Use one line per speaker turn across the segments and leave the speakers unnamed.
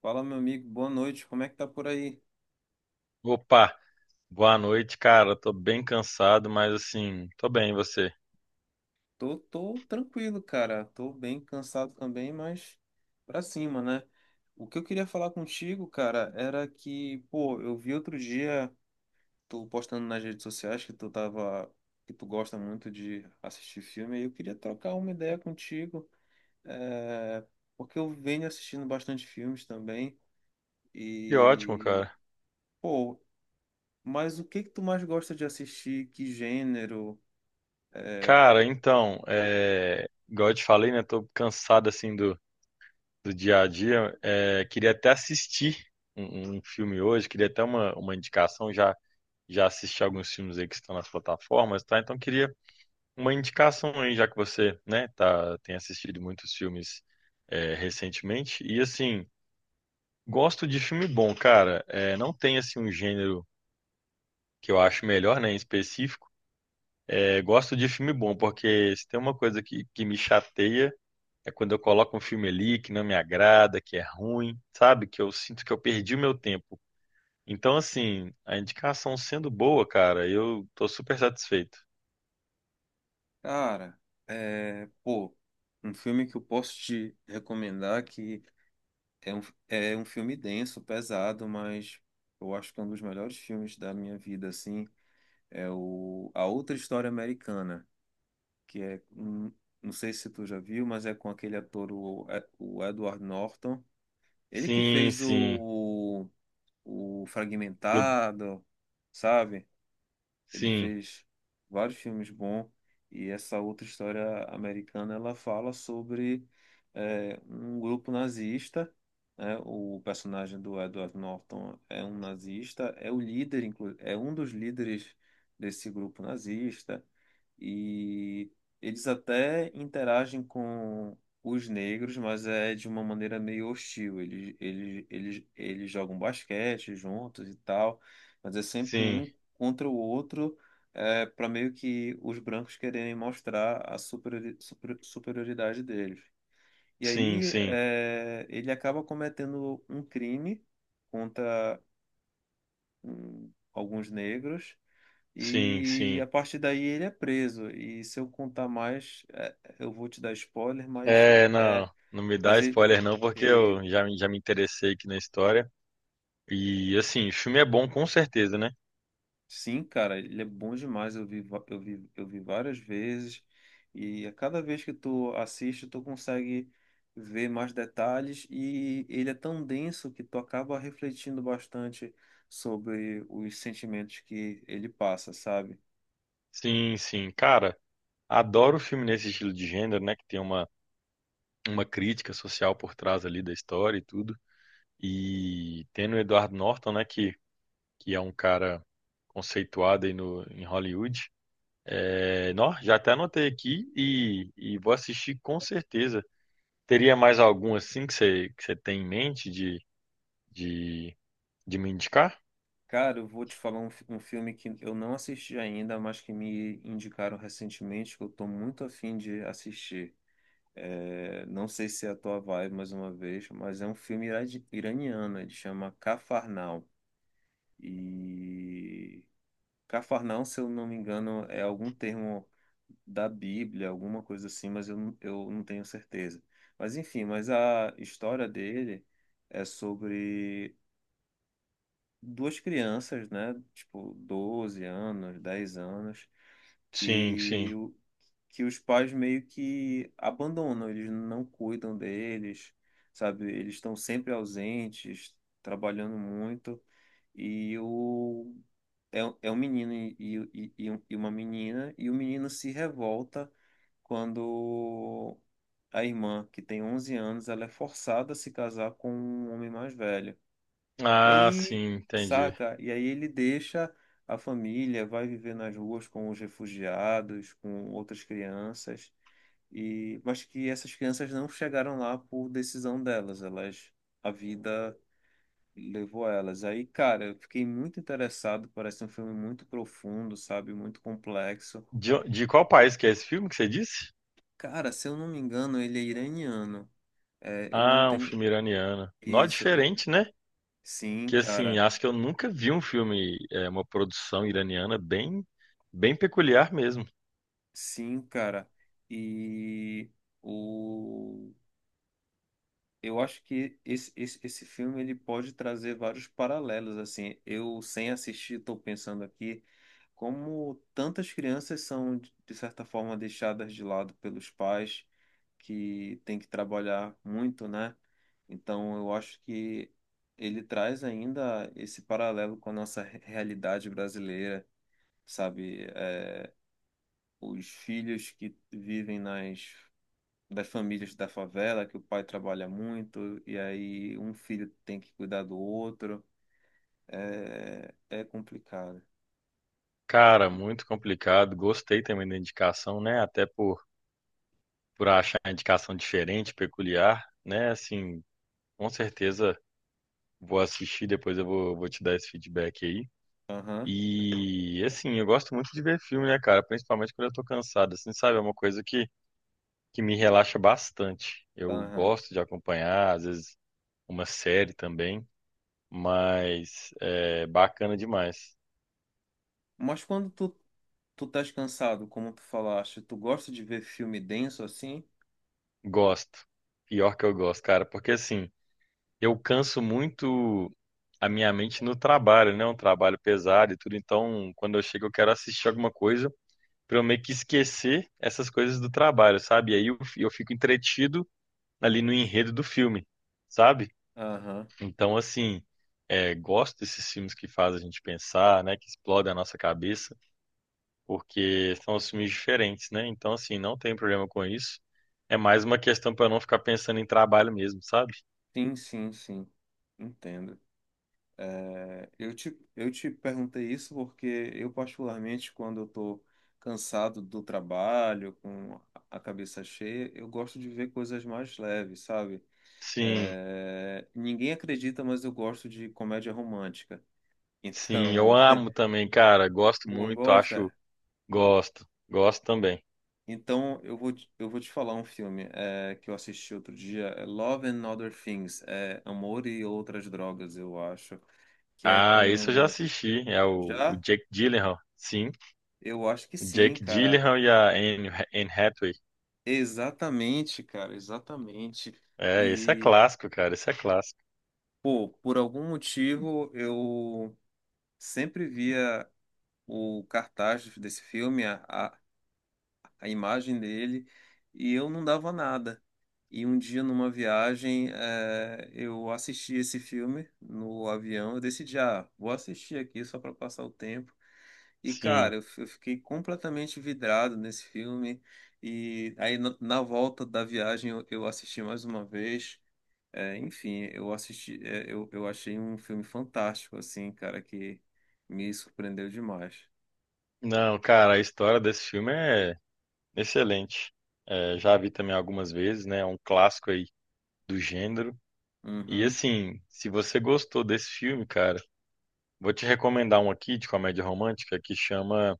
Fala, meu amigo, boa noite. Como é que tá por aí?
Opa, boa noite, cara. Tô bem cansado, mas assim, tô bem, e você?
Tô tranquilo, cara. Tô bem cansado também, mas pra cima, né? O que eu queria falar contigo, cara, era que, pô, eu vi outro dia tu postando nas redes sociais que tu tava, que tu gosta muito de assistir filme, e eu queria trocar uma ideia contigo, é, porque eu venho assistindo bastante filmes também
Que ótimo,
e,
cara.
pô, mas o que que tu mais gosta de assistir? Que gênero?
Cara, então, igual eu te falei, né? Tô cansado assim do dia a dia. É, queria até assistir um filme hoje, queria até uma indicação. Já assisti alguns filmes aí que estão nas plataformas, tá? Então queria uma indicação aí, já que você, né, tá, tem assistido muitos filmes recentemente. E assim, gosto de filme bom, cara. É, não tem assim um gênero que eu acho melhor, né, em específico, gosto de filme bom, porque se tem uma coisa que me chateia é quando eu coloco um filme ali que não me agrada, que é ruim, sabe? Que eu sinto que eu perdi o meu tempo. Então, assim, a indicação sendo boa, cara, eu tô super satisfeito.
Cara, é, pô, um filme que eu posso te recomendar que é um, é um filme denso, pesado, mas eu acho que é um dos melhores filmes da minha vida, assim, é o A Outra História Americana, que é, não sei se tu já viu, mas é com aquele ator, o Edward Norton, ele que
Sim,
fez
sim,
o
clube,
Fragmentado, sabe? Ele
sim,
fez vários filmes bons e essa outra história americana ela fala sobre um grupo nazista, né? O personagem do Edward Norton é um nazista, é o líder, é um dos líderes desse grupo nazista e eles até interagem com os negros, mas é de uma maneira meio hostil. Eles jogam basquete juntos e tal, mas é sempre
sim,
um contra o outro, para meio que os brancos quererem mostrar a superioridade deles. E
sim,
aí
sim,
ele acaba cometendo um crime contra alguns negros
sim,
e
sim.
a partir daí ele é preso. E se eu contar mais, eu vou te dar spoiler,
É, não,
é,
não me dá
mas ele.
spoiler não, porque eu já, já me interessei aqui na história. E, assim, o filme é bom com certeza, né?
Sim, cara, ele é bom demais. Eu vi, va- eu vi várias vezes e a cada vez que tu assiste, tu consegue ver mais detalhes e ele é tão denso que tu acaba refletindo bastante sobre os sentimentos que ele passa, sabe?
Sim, sim. Cara, adoro filme nesse estilo de gênero, né? Que tem uma crítica social por trás ali da história e tudo. E tendo o Edward Norton, né? Que é um cara conceituado aí no, em Hollywood. É, nó, já até anotei aqui e vou assistir com certeza. Teria mais algum assim que você tem em mente de, de me indicar?
Cara, eu vou te falar um filme que eu não assisti ainda, mas que me indicaram recentemente, que eu tô muito afim de assistir. É, não sei se é a tua vibe mais uma vez, mas é um filme iraniano, ele chama Cafarnaum. E Cafarnaum, se eu não me engano, é algum termo da Bíblia, alguma coisa assim, mas eu não tenho certeza. Mas enfim, mas a história dele é sobre duas crianças, né? Tipo, 12 anos, 10 anos,
Sim, sim.
que que os pais meio que abandonam, eles não cuidam deles, sabe? Eles estão sempre ausentes, trabalhando muito, e é um menino e uma menina, e o menino se revolta quando a irmã, que tem 11 anos, ela é forçada a se casar com um homem mais velho. E
Ah,
aí,
sim, entendi.
saca? E aí ele deixa a família, vai viver nas ruas com os refugiados, com outras crianças. E, mas que essas crianças não chegaram lá por decisão delas, a vida levou elas. Aí, cara, eu fiquei muito interessado, parece um filme muito profundo, sabe, muito complexo.
De qual país que é esse filme que você disse?
Cara, se eu não me engano, ele é iraniano. É, eu não
Ah, um
tenho
filme iraniano. Nó
isso.
diferente, né?
Sim,
Que assim,
cara.
acho que eu nunca vi um filme, é, uma produção iraniana bem, bem peculiar mesmo.
Sim, cara. E o Eu acho que esse filme ele pode trazer vários paralelos assim. Eu sem assistir estou pensando aqui como tantas crianças são de certa forma deixadas de lado pelos pais que têm que trabalhar muito, né? Então eu acho que ele traz ainda esse paralelo com a nossa realidade brasileira, sabe? Os filhos que vivem nas das famílias da favela, que o pai trabalha muito e aí um filho tem que cuidar do outro. É complicado.
Cara, muito complicado. Gostei também da indicação, né? Por achar a indicação diferente, peculiar, né? Assim, com certeza vou assistir, depois eu vou te dar esse feedback aí.
Aham,
E assim, eu gosto muito de ver filme, né, cara? Principalmente quando eu tô cansado, assim, sabe? É uma coisa que me relaxa bastante. Eu
aham.
gosto de acompanhar, às vezes uma série também, mas é bacana demais.
Mas quando tu estás cansado, como tu falaste, tu gosta de ver filme denso assim?
Gosto. Pior que eu gosto, cara, porque assim, eu canso muito a minha mente no trabalho, né? Um trabalho pesado e tudo, então quando eu chego eu quero assistir alguma coisa pra eu meio que esquecer essas coisas do trabalho, sabe? E aí eu fico entretido ali no enredo do filme, sabe?
Aham.
Então, assim, gosto desses filmes que fazem a gente pensar, né? Que explodem a nossa cabeça, porque são os filmes diferentes, né? Então, assim, não tem problema com isso. É mais uma questão para não ficar pensando em trabalho mesmo, sabe?
Sim, sim, sim. Entendo. Eu te perguntei isso porque eu, particularmente, quando eu tô cansado do trabalho, com a cabeça cheia, eu gosto de ver coisas mais leves, sabe?
Sim,
Ninguém acredita, mas eu gosto de comédia romântica.
sim, eu
Então,
amo também, cara. Gosto
pô,
muito,
gosta?
acho, gosto, gosto também.
Então, eu vou te falar um filme que eu assisti outro dia, é Love and Other Things, é Amor e Outras Drogas, eu acho, que é
Ah, isso eu já
com...
assisti. É o
Já?
Jake Gyllenhaal. Sim,
Eu acho que
o
sim,
Jake
cara.
Gyllenhaal e a Anne Hathaway.
Exatamente, cara, exatamente.
É, esse é
E,
clássico, cara. Esse é clássico.
pô, por algum motivo, eu sempre via o cartaz desse filme, a imagem dele, e eu não dava nada. E um dia, numa viagem, eu assisti esse filme no avião. Eu decidi, ah, vou assistir aqui só para passar o tempo. E,
Sim.
cara, eu fiquei completamente vidrado nesse filme. E aí, na volta da viagem, eu assisti mais uma vez. Enfim, eu assisti, é, eu achei um filme fantástico, assim, cara, que me surpreendeu demais.
Não, cara, a história desse filme é excelente. É, já vi também algumas vezes, né? É um clássico aí do gênero. E
Uhum.
assim, se você gostou desse filme, cara, vou te recomendar um aqui de comédia romântica que chama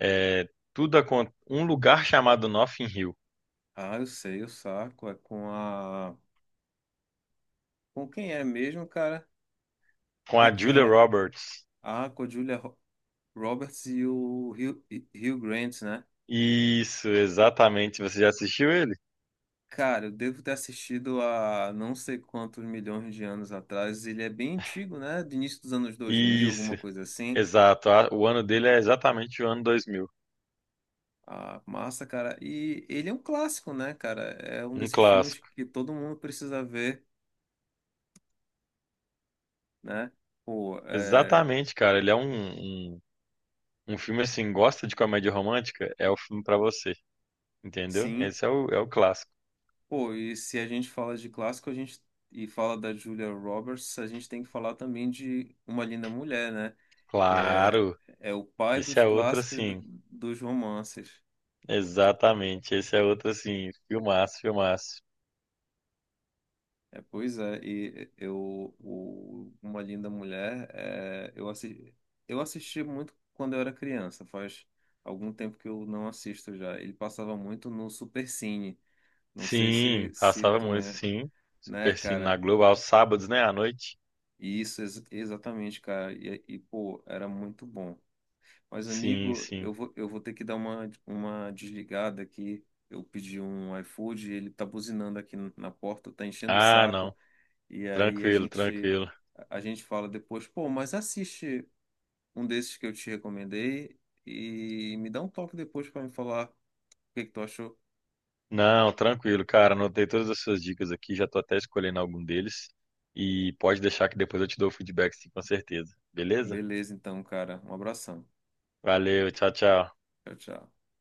é, Tudo Um Lugar Chamado Notting Hill,
Ah, eu sei, o saco. É com a. Com quem é mesmo, cara?
com a
Quem
Julia
é?
Roberts.
Ah, com a Julia Roberts e o Hugh Grant, né?
Isso, exatamente. Você já assistiu ele?
Cara, eu devo ter assistido há não sei quantos milhões de anos atrás. Ele é bem antigo, né? Do início dos anos 2000 alguma
Isso,
coisa assim.
exato. O ano dele é exatamente o ano 2000,
Ah, massa, cara. E ele é um clássico, né, cara? É um
um
desses filmes
clássico.
que todo mundo precisa ver, né? Pô, é,
Exatamente, cara. Ele é um filme assim, gosta de comédia romântica? É o filme pra você, entendeu?
sim.
Esse é é o clássico.
Pô, e se a gente fala de clássico, a gente e fala da Julia Roberts, a gente tem que falar também de Uma Linda Mulher, né? Que é,
Claro,
é o pai
esse
dos
é outro
clássicos do-
assim.
dos romances.
Exatamente. Esse é outro, assim, filmaço, filmaço.
É, pois é, e eu o Uma Linda Mulher, eu assisti muito quando eu era criança, faz algum tempo que eu não assisto já. Ele passava muito no Supercine. Não sei
Sim,
se
passava
tu
muito,
lembra,
sim.
né,
Super Cine na
cara?
Globo, aos sábados, né, à noite?
Isso, exatamente, cara. E, pô, era muito bom. Mas,
Sim,
amigo,
sim.
eu vou ter que dar uma desligada aqui. Eu pedi um iFood, ele tá buzinando aqui na porta, tá enchendo o
Ah, não.
saco. E aí a
Tranquilo,
gente,
tranquilo.
a gente fala depois, pô, mas assiste um desses que eu te recomendei e me dá um toque depois pra me falar o que que tu achou.
Não, tranquilo, cara. Anotei todas as suas dicas aqui, já tô até escolhendo algum deles. E pode deixar que depois eu te dou o feedback, sim, com certeza. Beleza?
Beleza, então, cara. Um abração.
Valeu, tchau, tchau.
Tchau, tchau.